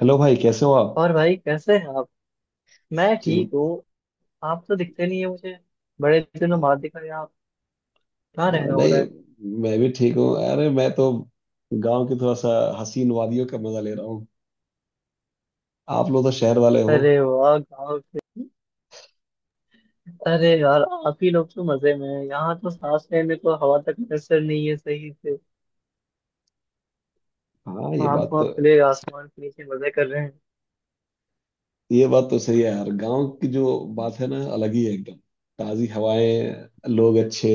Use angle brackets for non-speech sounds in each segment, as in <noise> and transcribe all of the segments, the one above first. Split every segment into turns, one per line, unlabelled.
Hello भाई कैसे हो आप
और भाई कैसे हैं आप। मैं
जी
ठीक हूँ। आप तो दिखते नहीं है मुझे, बड़े दिनों बाद दिखा यार आप। कहाँ रहना हो
नहीं
रहा
मैं भी ठीक हूँ। अरे मैं तो गांव की थोड़ा सा हसीन वादियों का मजा ले रहा हूँ। आप लोग तो शहर वाले
है?
हो।
अरे वाह, गाँव के। अरे यार, आप ही लोग तो मजे में हैं। यहाँ तो सांस लेने को हवा तक मैसर नहीं है सही से।
हाँ
आँख वहाँ खुले आसमान के नीचे मजे कर रहे हैं।
ये बात तो सही है यार। गांव की जो बात है ना अलग ही है एकदम। ताजी हवाएं, लोग अच्छे,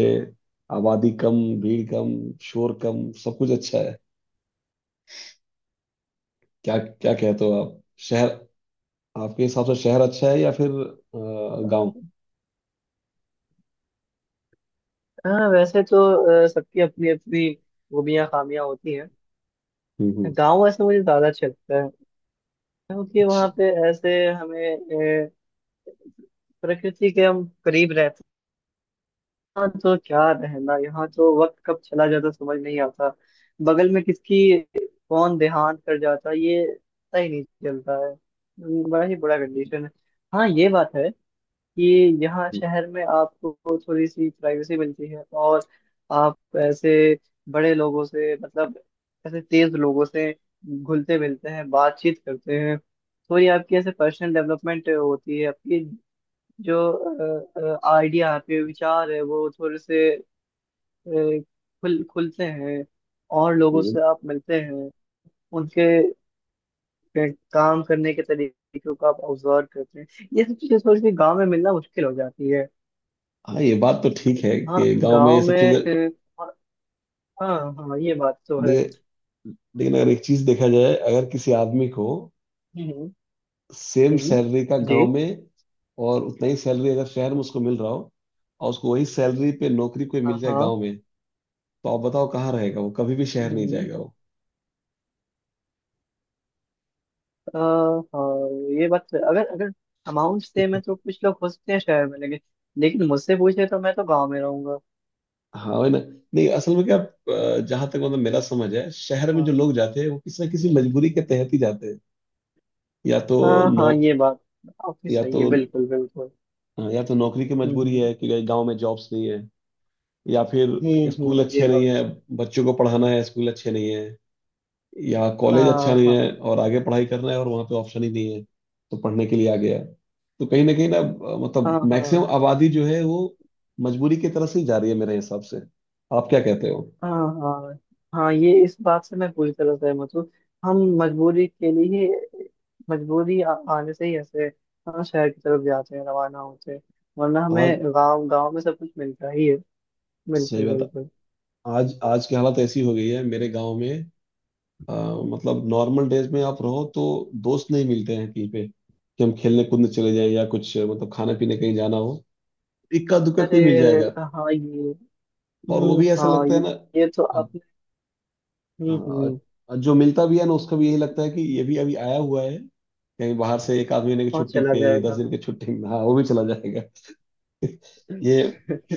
आबादी कम, भीड़ कम, शोर कम, सब कुछ अच्छा है। क्या क्या कहते हो आप, शहर? आपके हिसाब से शहर अच्छा है या फिर गांव?
हाँ वैसे तो सबकी अपनी अपनी खूबियाँ खामियाँ होती हैं।
हम्म।
गाँव ऐसे मुझे ज्यादा अच्छा लगता है, क्योंकि
अच्छा।
वहाँ पे ऐसे हमें अ, प्रकृति के हम करीब रहते हैं। यहाँ तो क्या रहना, यहाँ तो वक्त कब चला जाता समझ नहीं आता। बगल में किसकी कौन देहांत कर जाता ये पता ही नहीं चलता है। बड़ा ही बुरा कंडीशन है। हाँ ये बात है कि यहाँ शहर में आपको थोड़ी सी प्राइवेसी मिलती है, और आप ऐसे बड़े लोगों से, मतलब ऐसे तेज लोगों से घुलते मिलते हैं, बातचीत करते हैं। थोड़ी आपकी ऐसे पर्सनल डेवलपमेंट होती है, आपकी जो आइडिया है विचार है वो थोड़े से खुल खुलते हैं। और लोगों से आप मिलते हैं, उनके अ, काम करने के तरीकों को आप ऑब्जर्व करते हैं। ये सब चीजें थोड़ी सी गांव में मिलना मुश्किल हो जाती है।
हाँ ये बात तो ठीक है
हाँ
कि गांव में ये
गांव
सब चीजें।
में, अ, हाँ हाँ हाँ, ये बात तो है।
ले, लेकिन अगर एक चीज देखा जाए, अगर किसी आदमी को
हम्म
सेम
हम्म,
सैलरी का गांव
जी।
में, और उतना ही सैलरी अगर शहर में उसको मिल रहा हो, और उसको वही सैलरी पे नौकरी कोई मिल
हाँ
जाए
हाँ।
गांव में, तो आप बताओ कहाँ रहेगा? वो कभी भी शहर नहीं
हम्म,
जाएगा वो।
हाँ ये बात तो है। अगर अगर अमाउंट सेम है तो कुछ लोग हो सकते हैं शहर में, लेकिन लेकिन मुझसे पूछे तो मैं तो गांव में रहूंगा।
हाँ वही ना। नहीं असल में क्या, जहाँ तक मतलब मेरा समझ है शहर में जो
हाँ।
लोग जाते हैं वो किसी ना किसी
हम्म।
मजबूरी के तहत ही जाते हैं। या तो
हाँ
नौ
हाँ ये बात काफी
या
सही
तो,
है, बिल्कुल बिल्कुल।
हाँ, या तो नौकरी की मजबूरी
हम्म।
है कि गांव में जॉब्स नहीं है, या फिर स्कूल
ये
अच्छे नहीं
बात
है।
सही।
बच्चों को पढ़ाना है, स्कूल अच्छे नहीं है, या कॉलेज अच्छा
हाँ
नहीं है
हाँ
और आगे पढ़ाई करना है और वहाँ पे ऑप्शन ही नहीं है, तो पढ़ने के लिए आ गया। तो कहीं ना मतलब
हाँ।
मैक्सिमम
हाँ
आबादी जो है वो मजबूरी की तरह से ही जा रही है मेरे हिसाब से। आप क्या कहते हो?
हाँ। हाँ हाँ ये इस बात से मैं पूरी तरह सहमत हूँ। हम मजबूरी के लिए ही- मजबूरी आने से ही ऐसे हाँ शहर की तरफ जाते हैं, रवाना होते हैं। वरना
आज
हमें गांव, गांव में सब कुछ मिलता ही है।
सही
बिल्कुल
बात है।
बिल्कुल।
आज आज की हालत ऐसी हो गई है मेरे गांव में, अ, मतलब नॉर्मल डेज में आप रहो तो दोस्त नहीं मिलते हैं कहीं पे, कि हम खेलने कूदने चले जाएं या कुछ मतलब खाने पीने कहीं जाना हो, इक्का दुक्का
अरे
कोई मिल जाएगा।
हाँ ये,
और वो भी ऐसा
हाँ
लगता है ना,
ये तो
अ-
आपने।
हाँ,
हम्म।
जो मिलता भी है ना उसका भी यही लगता है कि ये भी अभी आया हुआ है कहीं बाहर से, एक आध महीने की
और
छुट्टी
चला
पे, दस
जाएगा।
दिन की छुट्टी में। हाँ वो भी चला जाएगा। <laughs> ये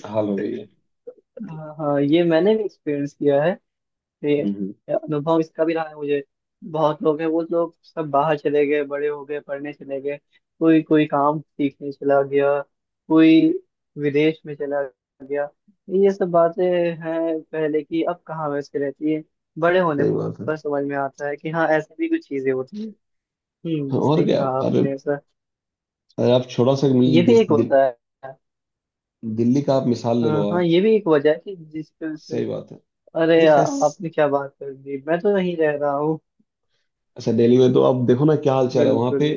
हाल हो गई है।
<laughs> हाँ हाँ ये मैंने भी एक्सपीरियंस किया है, ये
हम्म, हम्म,
अनुभव इसका भी रहा है मुझे। बहुत लोग हैं, वो लोग सब बाहर चले गए, बड़े हो गए, पढ़ने चले गए, कोई कोई काम सीखने चला गया, कोई विदेश में चला गया। ये सब बातें हैं पहले की, अब कहाँ वैसे रहती है। बड़े होने
सही बात है।
पर समझ में आता है कि हाँ ऐसे भी कुछ चीजें होती हैं।
हाँ,
हम्म,
और
सही
क्या।
कहा
अरे,
आपने ऐसा।
अरे आप छोटा सा
ये
मिल
भी एक होता है।
दिल्ली का आप मिसाल ले लो
हाँ हाँ,
आप।
ये भी एक वजह है कि जिस,
सही बात है।
अरे
नहीं फैस
यार आपने क्या बात कर दी, मैं तो नहीं रह रहा हूँ।
अच्छा, दिल्ली में तो आप देखो ना क्या हाल चाल है वहाँ
बिल्कुल।
पे।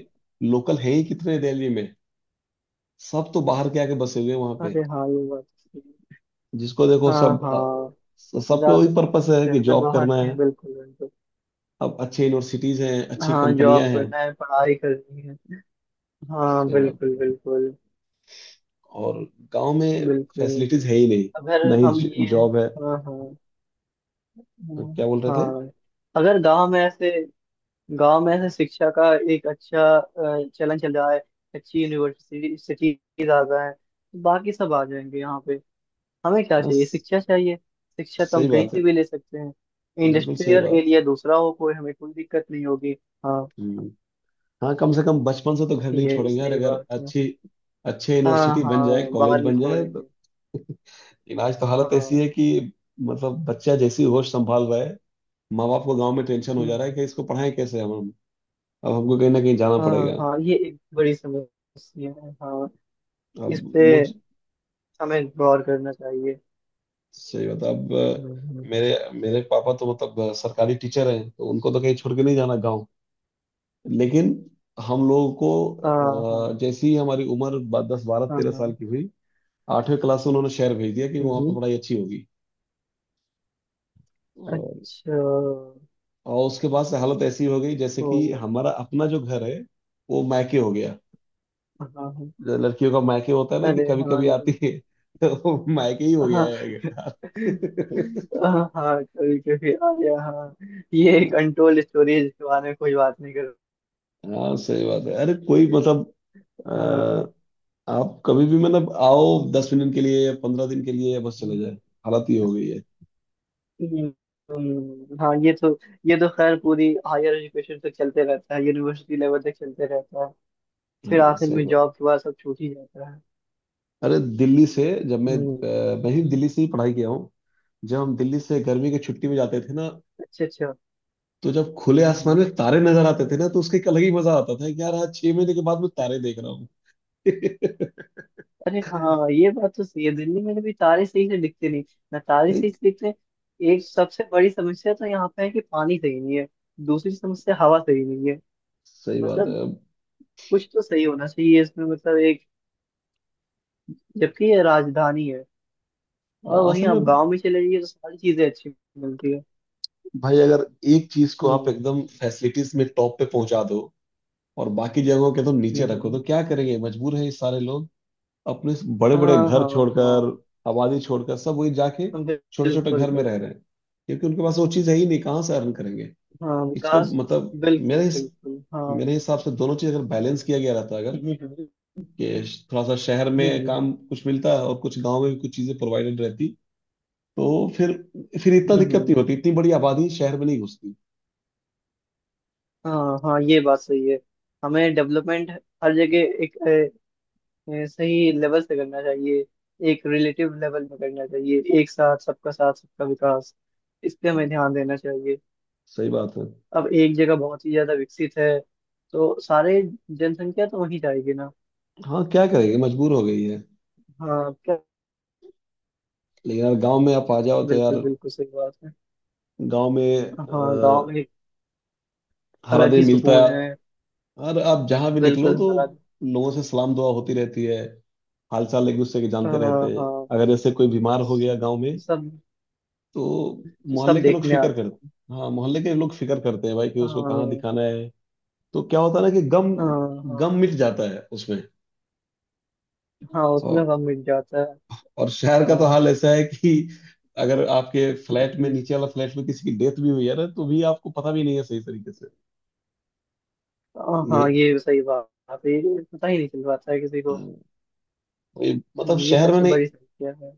लोकल है ही कितने दिल्ली में? सब तो बाहर के आके बसे हुए हैं वहाँ पे।
अरे हाँ ये बात तो सही
जिसको देखो
है। हाँ
सब,
हाँ,
सबका वही
ज्यादा
पर्पस है
से
कि
ज्यादा
जॉब
बाहर
करना
के हैं,
है।
बिल्कुल बिल्कुल।
अब अच्छे यूनिवर्सिटीज हैं, अच्छी
हाँ जॉब
कंपनियां हैं।
करना है, पढ़ाई करनी है। हाँ
सही बात।
बिल्कुल बिल्कुल।
और गांव में फैसिलिटीज
बिल्कुल।
है ही नहीं,
अगर
ना ही
हम ये,
जॉब है।
हाँ हाँ। हाँ
क्या बोल रहे थे।
हाँ। अगर गांव में ऐसे, गांव में ऐसे शिक्षा का एक अच्छा चलन चल रहा है, अच्छी यूनिवर्सिटी सिटीज आ गए हैं, तो बाकी सब आ जाएंगे यहाँ पे। हमें क्या
हाँ,
चाहिए,
स-
शिक्षा चाहिए। शिक्षा तो हम
सही
कहीं
बात है,
से भी ले सकते हैं।
बिल्कुल सही
इंडस्ट्रियल
बात
एरिया दूसरा हो, कोई हमें कोई दिक्कत नहीं होगी। हाँ
है। हम्म। हाँ कम से कम बचपन से तो घर नहीं
ये
छोड़ेंगे यार,
सही
अगर
बात है।
अच्छी, अच्छे
हाँ
यूनिवर्सिटी बन
हाँ
जाए, कॉलेज
बाद में
बन जाए तो।
छोड़ेंगे।
इलाज तो हालत ऐसी
हाँ।
है कि मतलब बच्चा जैसी होश संभाल रहा है, माँ बाप को गांव में टेंशन हो
हम्म,
जा रहा है
हम्म।
कि इसको पढ़ाएं कैसे हम। अब हमको कहीं ना कहीं जाना पड़ेगा।
हाँ हाँ ये एक बड़ी समस्या है। हाँ,
अब
इस पे
मुझ
हमें गौर करना चाहिए।
सही बता अब,
हम्म, हम्म,
मेरे मेरे पापा तो मतलब सरकारी टीचर हैं तो उनको तो कहीं छोड़ के नहीं जाना गाँव, लेकिन हम लोगों
हाँ हाँ।
को जैसे ही हमारी उम्र दस बारह
हाँ
तेरह
हाँ।
साल की हुई, आठवीं क्लास में उन्होंने शहर भेज दिया कि वहाँ पर
हम्म,
पढ़ाई अच्छी होगी। और,
अच्छा,
और उसके बाद से हालत ऐसी हो गई जैसे कि
तो
हमारा अपना जो घर है वो मायके हो गया।
हाँ हाँ।
जो लड़कियों का मायके होता है ना, कि
अरे
कभी
हाँ
कभी
ये-,
आती है। <laughs> तो वो मायके ही हो गया
हाँ
है।
हाँ हाँ कभी कभी आया हाँ। ये
<laughs>
कंट्रोल स्टोरेज के बारे में कोई बात नहीं कर।
हाँ सही बात है। अरे कोई मतलब,
हाँ।
अ, आप कभी भी मतलब आओ, 10 मिनट के लिए या 15 दिन के लिए या बस चले
हम्म,
जाए। हालत ये हो गई है।
हाँ ये तो, ये तो खैर पूरी हायर एजुकेशन तक चलते रहता है, यूनिवर्सिटी लेवल तक चलते रहता है। फिर
हाँ
आखिर
सही
में
बात।
जॉब के बाद सब छूट ही जाता है।
अरे दिल्ली से, जब मैं
हम्म।
मैं ही दिल्ली से ही पढ़ाई किया हूँ। जब हम दिल्ली से गर्मी की छुट्टी में जाते थे ना,
अच्छा अच्छा।
तो जब खुले आसमान
हम्म,
में तारे नजर आते थे ना, तो उसका एक अलग ही मजा आता था कि यार आज 6 महीने के बाद मैं तारे देख रहा हूँ। <laughs>
अरे हाँ ये बात तो सही है, दिल्ली में भी तारे सही से दिखते नहीं, ना तारे
नहीं
सही से दिखते। एक सबसे बड़ी समस्या तो यहाँ पे है कि पानी सही नहीं है, दूसरी समस्या हवा सही नहीं है।
सही बात
मतलब
है।
कुछ तो सही होना चाहिए इसमें, मतलब एक, जबकि ये राजधानी है। और
हाँ,
वहीं
असल
आप
में
गांव में चले जाइए तो सारी चीजें अच्छी मिलती है।
भाई, अगर एक चीज को आप
हम्म।
एकदम फैसिलिटीज में टॉप पे पहुंचा दो और बाकी जगहों के तुम नीचे रखो
हम्म
तो क्या करेंगे, मजबूर है ये सारे लोग। अपने बड़े बड़े
हाँ
घर
हाँ। हाँ
छोड़कर, आबादी छोड़कर सब वही जाके छोटे
बिल्कुल
छोटे घर में
बिल्कुल।
रह रहे हैं, क्योंकि उनके पास वो चीज़ है ही नहीं, कहाँ से अर्न करेंगे।
हाँ
इसको
विकास,
मतलब,
बिल्कुल
मेरे हिस-
बिल्कुल हाँ।
मेरे हिसाब से दोनों चीज़ अगर बैलेंस किया गया रहता, अगर
हम्म।
कि थोड़ा सा शहर में
हम्म,
काम कुछ मिलता और कुछ गांव में भी कुछ चीज़ें प्रोवाइडेड रहती, तो फिर, इतना दिक्कत
हम्म,
नहीं होती, इतनी बड़ी आबादी शहर में नहीं घुसती।
हाँ हाँ ये बात सही है। हमें डेवलपमेंट हर जगह एक सही लेवल से करना चाहिए, एक रिलेटिव लेवल में करना चाहिए। एक साथ, सबका साथ सबका विकास, इस पे
हाँ,
हमें ध्यान देना चाहिए।
सही बात है।
अब एक जगह बहुत ही ज्यादा विकसित है तो सारे जनसंख्या तो वहीं जाएगी ना।
हाँ क्या करेंगे, मजबूर हो गई है।
हाँ क्या।
लेकिन यार गांव में आप आ जाओ तो
बिल्कुल
यार,
बिल्कुल सही बात है।
गांव में
हाँ गांव में एक
हर
अलग
आदमी
ही
मिलता है
सुकून है।
और आप जहां भी निकलो
बिल्कुल
तो
हरा।
लोगों से सलाम दुआ होती रहती है, हाल चाल एक दूसरे के जानते रहते
हाँ
हैं।
हाँ।
अगर जैसे कोई बीमार हो गया गांव में,
सब,
तो
सब
मोहल्ले के लोग
देखने
फिक्र करते
आते।
हैं, हाँ मोहल्ले के लोग फिक्र करते हैं भाई कि उसको कहाँ
हाँ।
दिखाना है। तो क्या होता है ना कि गम
हाँ हाँ।
गम मिट जाता है उसमें।
हाँ उसमें
और,
सब मिट जाता है।
और शहर का तो
हाँ।
हाल ऐसा है कि अगर आपके फ्लैट में
हम्म,
नीचे वाला फ्लैट में किसी की डेथ भी हुई है ना, तो भी आपको पता भी नहीं है सही तरीके से।
हाँ
ये
हाँ, ये सही बात है। ये पता ही नहीं चल पाता है किसी
अ,
को।
मतलब
ये
शहर में
सबसे
नहीं,
बड़ी समस्या है।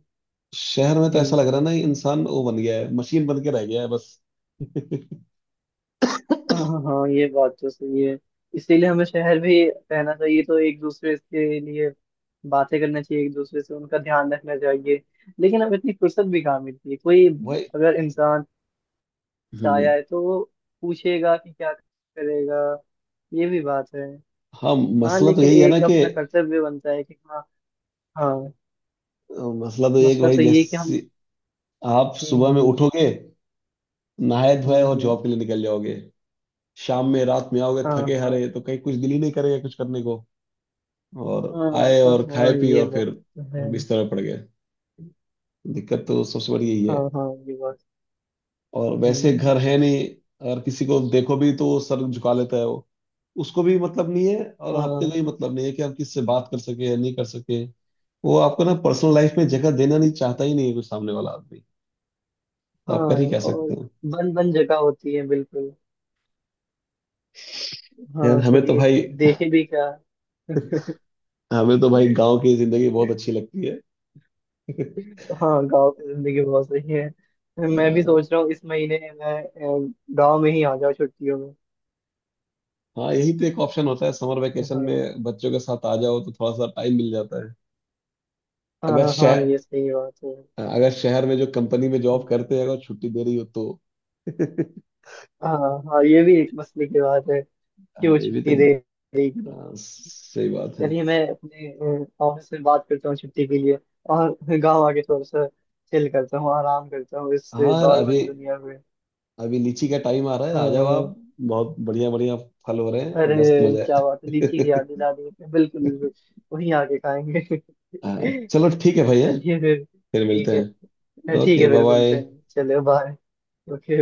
शहर में तो ऐसा
हम्म।
लग रहा है ना, ये इंसान वो बन गया है, मशीन बन के रह गया है बस।
हाँ हाँ हाँ, ये बात तो सही है। इसीलिए हमें शहर भी रहना चाहिए तो एक दूसरे के लिए बातें करना चाहिए, एक दूसरे से उनका ध्यान रखना चाहिए। लेकिन अब इतनी फुर्सत भी कहाँ मिलती है कोई।
भाई।
अगर इंसान आया
हम्म,
है तो वो पूछेगा कि क्या करेगा, ये भी बात है।
हाँ
हाँ
मसला तो
लेकिन
यही है ना
एक
कि
अपना कर्तव्य बनता है कि हाँ। हाँ।
मसला तो ये है कि
मसला
भाई
तो ये है कि
जैसे
हम।
आप सुबह में
हम्म।
उठोगे, नहाए धोए
हम्म
और
हम्म,
जॉब के लिए निकल जाओगे, शाम में रात में आओगे
हाँ
थके
हाँ।
हारे तो कहीं कुछ दिल ही नहीं करेगा कुछ करने को। और
हाँ
आए
हाँ,
और खाए
हाँ,
पी
ये
और
बात
फिर
तो है।
बिस्तर पर पड़ गए। दिक्कत तो सबसे बड़ी
हाँ
यही।
हाँ ये बात।
और वैसे
हम्म,
घर है नहीं। अगर किसी को देखो भी तो वो सर झुका लेता है वो, उसको भी मतलब नहीं है, और आपके
हाँ।
कोई मतलब नहीं है कि आप किससे बात कर सके या नहीं कर सके। वो आपको ना पर्सनल लाइफ में जगह देना नहीं चाहता ही नहीं है कोई सामने वाला आदमी। तो
हाँ
आप कर ही कह
और
सकते हैं।
बंद बंद जगह होती है बिल्कुल।
यार
हाँ
हमें तो
कोई
भाई,
देखे भी क्या। <laughs>
गांव की जिंदगी बहुत अच्छी लगती है।
हाँ गांव की जिंदगी बहुत सही है, मैं भी
अ,
सोच रहा हूँ इस महीने मैं गांव में ही आ जाऊँ छुट्टियों में।
हाँ यही तो एक ऑप्शन होता है, समर वेकेशन
हाँ।
में बच्चों के साथ आ जाओ तो थोड़ा सा टाइम मिल जाता है। अगर
हाँ हाँ
शहर
ये सही बात है।
अगर शहर में जो कंपनी में जॉब करते हैं अगर छुट्टी दे रही हो तो। <laughs>
हाँ हाँ ये भी एक मसले की बात है,
हाँ
क्यों
ये भी तो
छुट्टी
एक।
दे रही क्यों नहीं।
हाँ सही बात है।
चलिए मैं अपने ऑफिस में बात करता हूँ छुट्टी के लिए, और गांव आके थोड़ा सा चिल करता हूँ, आराम करता हूँ इस
हाँ
दौड़
अभी
भरी दुनिया में।
अभी लीची का टाइम आ रहा है, आ जाओ
हाँ।
आप। बहुत बढ़िया, बढ़िया फल हो रहे हैं, मस्त
अरे
मजा
क्या बात है, लीची की
है।
याद दिला दी आपने, बिल्कुल बिल्कुल वहीं आके खाएंगे। <laughs>
<laughs> हाँ चलो ठीक है भैया,
चलिए फिर
फिर
ठीक
मिलते
है।
हैं,
ठीक है
ओके बाय
फिर मिलते
बाय।
हैं, चलिए बाय। ओके।